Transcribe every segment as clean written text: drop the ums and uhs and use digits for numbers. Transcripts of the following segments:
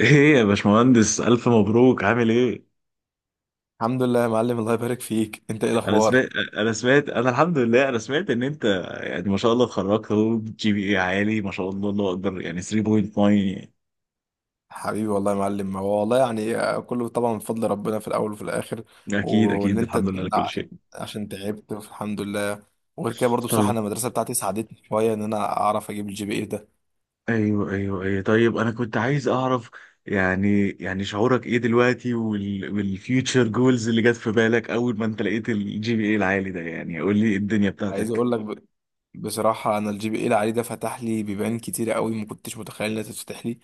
ايه يا باشمهندس، الف مبروك. عامل ايه؟ الحمد لله يا معلم. الله يبارك فيك. انت ايه انا الاخبار؟ سمعت انا سمعت انا الحمد لله انا سمعت ان انت، يعني ما شاء الله، اتخرجت اهو. جي بي اي عالي ما شاء الله، الله اكبر، يعني 3.9. حبيبي والله يا معلم. هو والله يعني كله طبعا من فضل ربنا في الاول وفي الاخر. اكيد واللي اكيد، انت الحمد لله على كل عشان شيء. عشان تعبت. الحمد لله. وغير كده برضو بصراحه طيب، انا المدرسه بتاعتي ساعدتني شويه ان انا اعرف اجيب الجي بي اي ده. ايوه ايوه ايوه، طيب انا كنت عايز اعرف، يعني شعورك ايه دلوقتي، والفيوتشر جولز اللي جت في بالك اول ما انت لقيت الجي بي اي العالي ده؟ يعني قول لي إيه الدنيا عايز بتاعتك. اقول لك، بصراحة أنا الجي بي إيه اللي عليه ده فتح لي بيبان كتير قوي ما كنتش متخيل إنها تتفتح لي.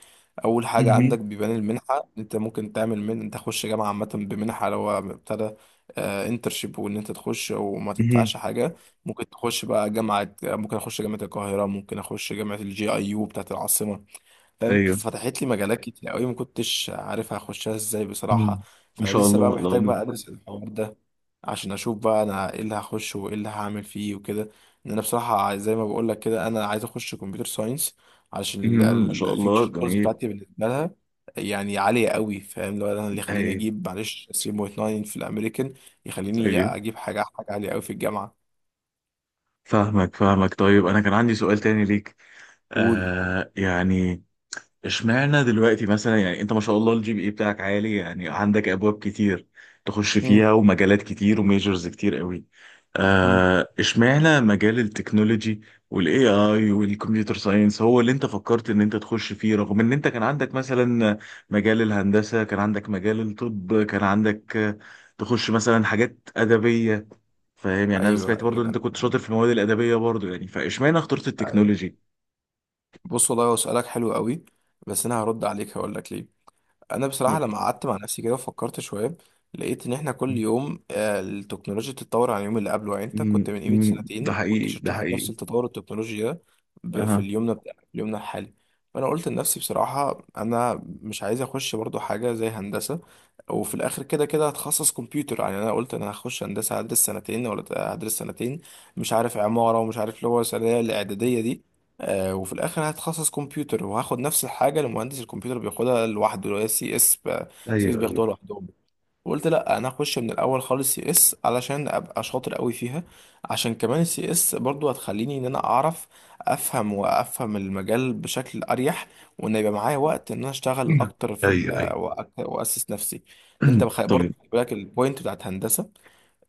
أول حاجة مهم. عندك بيبان المنحة، أنت ممكن تعمل من أنت تخش جامعة عامة بمنحة لو ابتدى انترشيب وإن أنت تخش وما مهم. تدفعش حاجة. ممكن تخش بقى جامعة، ممكن أخش جامعة القاهرة، ممكن أخش جامعة الجي أي يو بتاعة العاصمة. فاهم، ايوه. فتحت لي مجالات كتير قوي ما كنتش عارف هخشها ازاي بصراحة. مهم. ان شاء فلسه بقى الله، الله. محتاج بقى ادرس الحوار ده عشان اشوف بقى انا ايه اللي هخش وايه اللي هعمل فيه وكده. ان انا بصراحة زي ما بقول لك كده انا عايز اخش كمبيوتر ساينس علشان ما شاء الله، الفيوتشر كورس جميل. بتاعتي بالنسبة لها يعني عالية قوي. فاهم، لو انا اللي يخليني ايوه اجيب معلش 3.9 في الامريكان يخليني ايوه، اجيب حاجة حاجة عالية قوي في الجامعة. فاهمك فاهمك. طيب انا كان عندي سؤال تاني ليك. قول. يعني اشمعنى دلوقتي مثلا، يعني انت ما شاء الله الجي بي اي بتاعك عالي، يعني عندك ابواب كتير تخش مم. فيها ومجالات كتير وميجرز كتير قوي. مم. اشمعنى مجال التكنولوجي والاي اي والكمبيوتر ساينس هو اللي انت فكرت ان انت تخش فيه، رغم ان انت كان عندك مثلا مجال الهندسة، كان عندك مجال الطب، كان عندك، تخش مثلا حاجات أدبية؟ فاهم، يعني انا ايوه سمعت برضو ان ايوه، انت أنا كنت شاطر فاهم. في المواد الادبيه برضو، يعني فاشمعنى اخترت أيوه. التكنولوجي؟ بص، والله هو سؤالك حلو قوي. بس انا هرد عليك هقول لك ليه. انا بصراحه م- لما قعدت مع نفسي كده وفكرت شويه لقيت ان احنا كل يوم التكنولوجيا بتتطور عن اليوم اللي قبله. يعني انت كنت من قيمه ده سنتين كنت حقيقي، شفت ده نفس حقيقي. التطور التكنولوجي ده في اها، اليومنا بتاع في يومنا الحالي. فانا قلت لنفسي بصراحه انا مش عايز اخش برضو حاجه زي هندسه، وفي الاخر كده كده هتخصص كمبيوتر. يعني انا قلت انا هخش هندسه هدرس سنتين ولا هدرس سنتين مش عارف عماره ومش عارف اللي هو الثانويه الاعداديه دي وفي الاخر هتخصص كمبيوتر وهاخد نفس الحاجه اللي مهندس الكمبيوتر بياخدها لوحده اللي هي سي اس. سي اس ايوه ايوه بياخدوها لوحدهم، وقلت لا انا هخش من الاول خالص سي اس علشان ابقى شاطر قوي فيها. عشان كمان السي اس برضو هتخليني ان انا اعرف افهم المجال بشكل اريح، وان يبقى معايا وقت ان انا اشتغل اكتر ايوه ايوه. واسس نفسي. ان انت برضو خلي بالك البوينت بتاعت هندسه.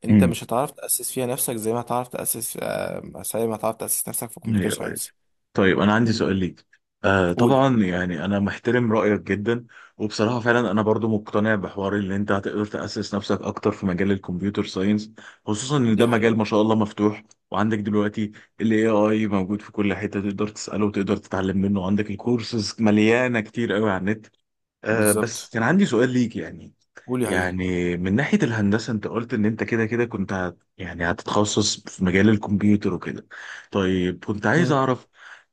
انت طيب، مش هتعرف تاسس فيها نفسك زي ما هتعرف تاسس نفسك في كمبيوتر ايوه ايوه، ساينس. طيب انا عندي سؤال ليك. قولي. طبعا يعني انا محترم رايك جدا، وبصراحه فعلا انا برضو مقتنع بحوار اللي انت هتقدر تاسس نفسك اكتر في مجال الكمبيوتر ساينس، خصوصا ان ده دي مجال حقيقة. ما شاء الله مفتوح. وعندك دلوقتي الاي اي موجود في كل حته، تقدر تساله وتقدر تتعلم منه، عندك الكورسز مليانه كتير قوي على النت. بس بالظبط. كان عندي سؤال ليك، يعني قولي هي. يعني من ناحية الهندسة انت قلت ان انت كده كده كنت هت يعني هتتخصص في مجال الكمبيوتر وكده. طيب كنت عايز مم. اعرف،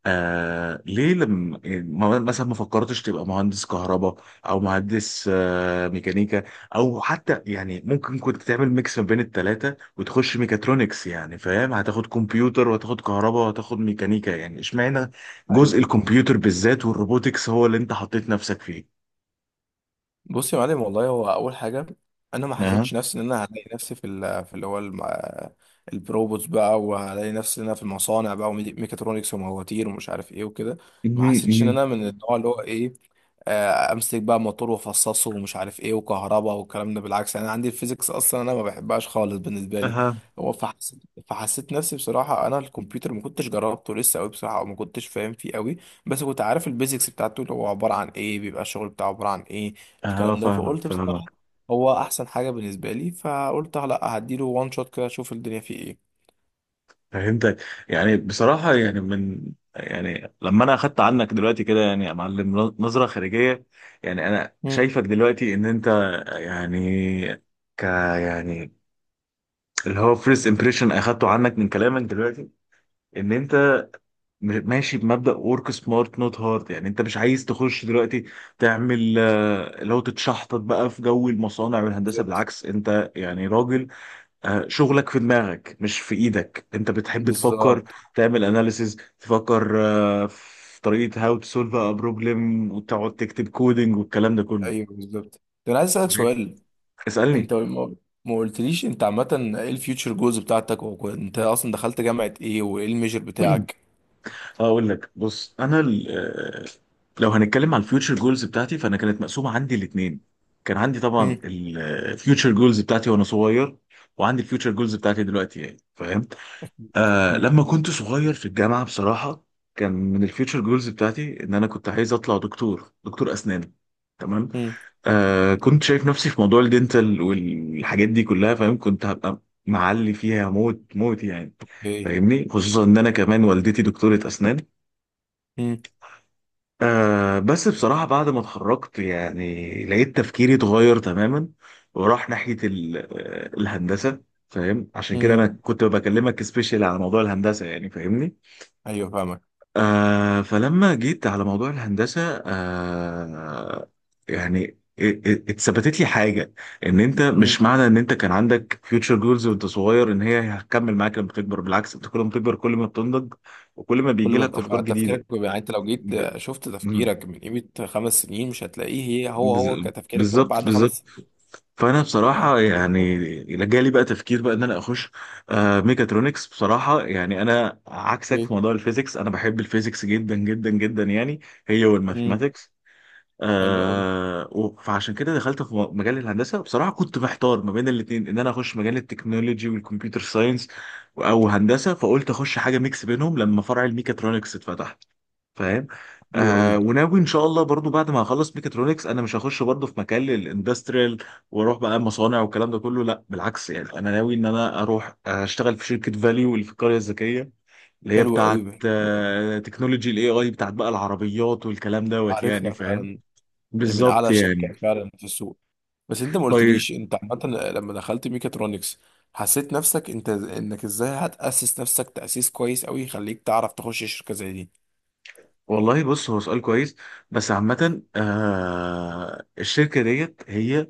ليه لما مثلا ما فكرتش تبقى مهندس كهرباء، او مهندس ميكانيكا، او حتى يعني ممكن كنت تعمل ميكس ما بين التلاتة وتخش ميكاترونكس؟ يعني فاهم، هتاخد كمبيوتر وهتاخد كهرباء وهتاخد ميكانيكا. يعني اشمعنى جزء ايوه. الكمبيوتر بالذات والروبوتكس هو اللي انت حطيت نفسك فيه؟ بصي يا معلم، والله هو اول حاجه انا ما اها، حسيتش نفسي ان انا هلاقي نفسي في اللي هو البروبوتس بقى وهلاقي نفسي ان انا في المصانع بقى وميكاترونكس ومواتير ومش عارف ايه وكده. ما مهم، حسيتش ان مهم. انا من النوع اللي هو ايه امسك بقى موتور وافصصه ومش عارف ايه وكهرباء والكلام ده. بالعكس انا عندي الفيزيكس اصلا انا ما بحبهاش خالص بالنسبه لي. اها، هو فحسيت نفسي بصراحه انا الكمبيوتر ما كنتش جربته لسه قوي بصراحه او ما كنتش فاهم فيه قوي، بس كنت عارف البيزكس بتاعته اللي هو عباره عن ايه، بيبقى الشغل بتاعه عباره عن ايه اه، الكلام ده. فاهمك فقلت بصراحه فاهمك. هو احسن حاجه بالنسبه لي، فقلت لا هديله وان شوت كده اشوف الدنيا فيه ايه. فهمتك. يعني بصراحة، يعني من، يعني لما انا اخدت عنك دلوقتي كده يعني يا معلم نظرة خارجية، يعني انا مم. شايفك دلوقتي ان انت، يعني، يعني اللي هو فيرست امبريشن اخدته عنك من كلامك دلوقتي، ان انت ماشي بمبدأ ورك سمارت نوت هارد. يعني انت مش عايز تخش دلوقتي تعمل اللي هو تتشحطط بقى في جو المصانع والهندسة. بالظبط. بالعكس، انت يعني راجل شغلك في دماغك مش في ايدك. انت بتحب تفكر، بالظبط. تعمل اناليسز، تفكر في طريقة هاو تو سولف ا بروبلم، وتقعد تكتب كودينج والكلام ده كله. ايوه بالظبط. ده انا عايز اسالك صحيح. سؤال. انت اسألني. ما قلتليش انت عامة ايه الفيوتشر جولز بتاعتك وانت اصلا دخلت جامعة ايه وايه الميجر بتاعك؟ اقول لك، بص انا لو هنتكلم على الفيوتشر جولز بتاعتي، فانا كانت مقسومة عندي الاثنين. كان عندي طبعا مم. الفيوتشر جولز بتاعتي وانا صغير، وعندي الفيوتشر جولز بتاعتي دلوقتي، يعني فاهم. اكيد. مم. لما كنت صغير في الجامعة بصراحة، كان من الفيوتشر جولز بتاعتي ان انا كنت عايز اطلع دكتور، دكتور اسنان. تمام. مم. كنت شايف نفسي في موضوع الدنتال والحاجات دي كلها، فاهم. كنت هبقى معلي فيها موت موت يعني. ايه. فاهمني، خصوصا ان انا كمان والدتي دكتورة اسنان. مم. بس بصراحة بعد ما اتخرجت، يعني لقيت تفكيري اتغير تماما، وراح ناحية الهندسة. فاهم، عشان كده مم. انا كنت بكلمك سبيشال على موضوع الهندسة، يعني فاهمني. ايوه فاهمك. فلما جيت على موضوع الهندسة، يعني اتثبتت لي حاجة، ان انت مش مم. معنى ان انت كان عندك future goals وانت صغير، ان هي هتكمل معاك لما تكبر. بالعكس، انت كل ما بتكبر كل ما بتنضج، وكل ما كل بيجي ما لك افكار بتبقى جديدة. تفكيرك بيبقى- يعني انت لو جيت ب- شفت مم. تفكيرك من قيمة 5 سنين مش هتلاقيه هي هو بز- هو كتفكيرك كمان بالظبط، بعد خمس بالظبط. سنين فانا بصراحة يعني فاهم؟ جالي بقى تفكير بقى ان انا اخش ميكاترونكس. بصراحة يعني انا عكسك في ايه. موضوع الفيزيكس. انا بحب الفيزيكس جدا جدا جدا، يعني هي مم. والماثماتكس. حلو قوي. فعشان كده دخلت في مجال الهندسه. بصراحه كنت محتار ما بين الاثنين، ان انا اخش مجال التكنولوجي والكمبيوتر ساينس او هندسه، فقلت اخش حاجه ميكس بينهم لما فرع الميكاترونكس اتفتح، فاهم. حلو قوي. وناوي ان شاء الله برضو بعد ما اخلص ميكاترونكس، انا مش هخش برضو في مكان الاندستريال واروح بقى مصانع والكلام ده كله، لا. بالعكس يعني انا ناوي ان انا اروح اشتغل في شركه فاليو اللي في القريه الذكيه، اللي هي حلو قوي. بتاعت حلو قوي. آه، تكنولوجي الاي اي، بتاعت بقى العربيات والكلام دوت، يعني عارفها فاهم. فعلا، من بالظبط اعلى يعني. الشركات فعلا في السوق. بس انت ما طيب. قلتليش انت عامه لما دخلت ميكاترونكس حسيت نفسك انت انك ازاي هتأسس نفسك تأسيس كويس قوي يخليك تعرف تخش شركة زي دي. والله بص، هو سؤال كويس، بس عامة الشركة ديت هي،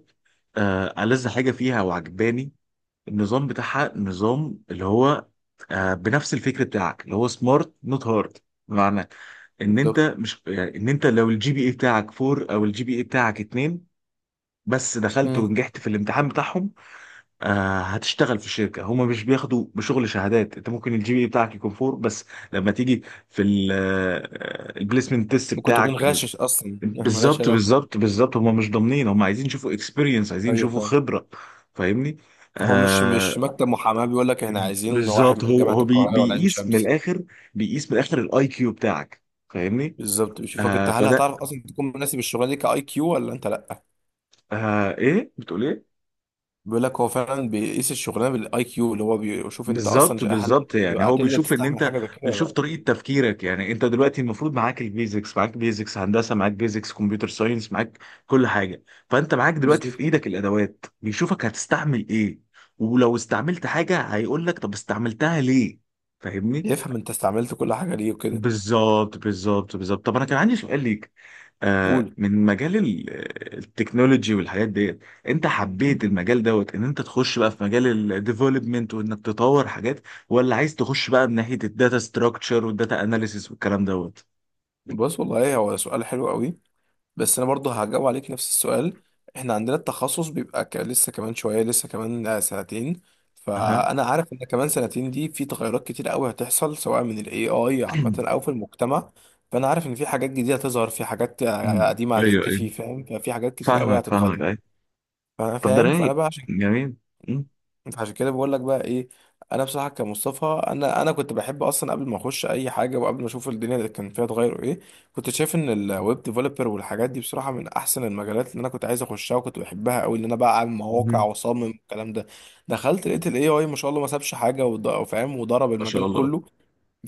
ألذ حاجة فيها وعجباني النظام اللي هو بنفس الفكر بتاعك اللي هو سمارت نوت هارد. بمعنى ان انت بالظبط. مش، يعني ان انت لو الجي بي اي بتاعك 4 او الجي بي اي بتاعك 2 بس دخلت مم. ونجحت في الامتحان بتاعهم، هتشتغل في شركه. هما مش بياخدوا بشغل شهادات، انت ممكن الجي بي بتاعك يكون فور بس لما تيجي في البليسمنت تيست ممكن تكون بتاعك، غاشش اصلا ملهاش بالظبط علاقة. بالظبط بالظبط. هما مش ضامنين، هما عايزين يشوفوا اكسبيرينس، عايزين ايوه يشوفوا فاهم. خبره، فاهمني. هو مش آه مكتب محاماة بيقول لك احنا عايزين واحد بالظبط، من هو جامعة هو بي القاهرة ولا عين بيقيس من شمس. الاخر، بيقيس من الاخر الاي كيو بتاعك، فاهمني. بالظبط، بيشوفك انت هل فده. هتعرف اصلا تكون مناسب الشغلانة دي كاي كيو ولا انت لا. ايه بتقول ايه؟ بيقول لك هو فعلا بيقيس الشغلانة بالاي كيو اللي هو بيشوف انت بالظبط، اصلا هل انت بالظبط، يعني هتبقى هو هتقدر بيشوف ان تستحمل انت، حاجة زي كده ولا بيشوف لا. طريقه تفكيرك. يعني انت دلوقتي المفروض معاك البيزكس، معاك بيزكس هندسه، معاك بيزكس كمبيوتر ساينس، معاك كل حاجه. فانت معاك دلوقتي في بالظبط. ايدك الادوات، بيشوفك هتستعمل ايه. ولو استعملت حاجه هيقول لك طب استعملتها ليه، فاهمني. يفهم انت استعملت كل حاجه ليه وكده. بالظبط بالظبط بالظبط. طب انا كان عندي سؤال ليك، قول. من مجال التكنولوجي والحاجات ديت. انت حبيت المجال دوت ان انت تخش بقى في مجال الديفلوبمنت وانك تطور حاجات، ولا عايز تخش بقى من ناحية الداتا ستراكشر والداتا اناليسيس والكلام دوت؟ بص، والله هو سؤال حلو قوي. بس انا برضه هجاوب عليك نفس السؤال. احنا عندنا التخصص بيبقى لسه كمان شويه لسه كمان سنتين. اها. فانا عارف ان كمان سنتين دي في تغيرات كتير قوي هتحصل سواء من الاي اي عامه او في المجتمع. فانا عارف ان في حاجات جديده هتظهر في حاجات أمم. قديمه ايوه ايوه، هتختفي. فاهم، ففي حاجات كتير قوي فاهمك فاهمك، هتتغير. ايوه. فانا طب ده فاهم. فانا رايق، بقى جميل. أمم. فعشان كده بقول لك بقى ايه. انا بصراحه كمصطفى انا كنت بحب اصلا قبل ما اخش اي حاجه وقبل ما اشوف الدنيا اللي كان فيها اتغير ايه. كنت شايف ان الويب ديفلوبر والحاجات دي بصراحه من احسن المجالات اللي انا كنت عايز اخشها وكنت بحبها قوي ان انا بقى اعمل مواقع أمم. واصمم الكلام ده. دخلت لقيت الاي اي، ما شاء الله، ما سابش حاجه وفاهم وضرب ما شاء المجال الله، كله.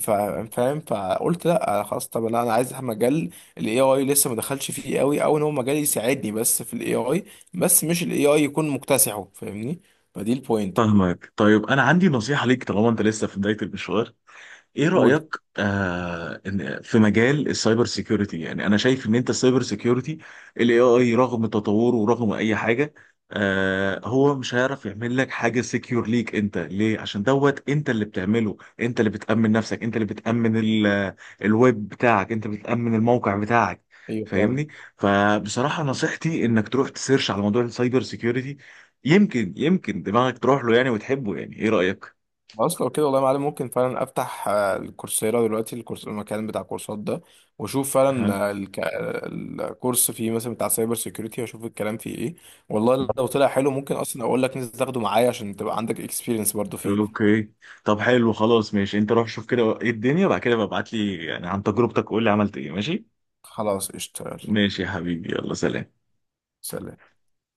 فاهم، فقلت لا خلاص، طب لا انا عايز مجال الاي اي لسه ما دخلش فيه قوي، او ان هو مجال يساعدني بس في الاي اي بس مش الاي اي يكون مكتسحه. فاهمني، فدي البوينت. فاهمك. طيب انا عندي نصيحة ليك، طالما انت لسه في بداية المشوار، ايه قول. رأيك في مجال السايبر سيكيورتي؟ يعني انا شايف ان انت السايبر سيكيورتي، الاي اي رغم تطوره ورغم اي حاجة، هو مش هيعرف يعمل لك حاجة سيكيور ليك انت، ليه؟ عشان دوت انت اللي بتعمله، انت اللي بتأمن نفسك، انت اللي بتأمن الويب بتاعك، انت بتأمن الموقع بتاعك، ايوه فعلا. فاهمني. فبصراحة نصيحتي انك تروح تسيرش على موضوع السايبر سيكيورتي، يمكن دماغك تروح له يعني وتحبه يعني. ايه رأيك؟ خلاص، لو كده والله يا معلم ممكن فعلا افتح الكورسيرا دلوقتي المكان بتاع الكورسات ده. واشوف فعلا أها. الكورس فيه مثلا بتاع سايبر سيكيورتي، واشوف الكلام فيه ايه. والله لو طلع حلو ممكن اصلا اقول لك نزل تاخده معايا عشان تبقى عندك اكسبيرينس برضه فيه. اوكي. طب حلو، خلاص، ماشي، انت روح شوف كده ايه الدنيا وبعد كده ببعت لي يعني عن تجربتك، قول لي عملت ايه. ماشي. خلاص اشتغل. ماشي يا حبيبي، يلا سلام. سلام.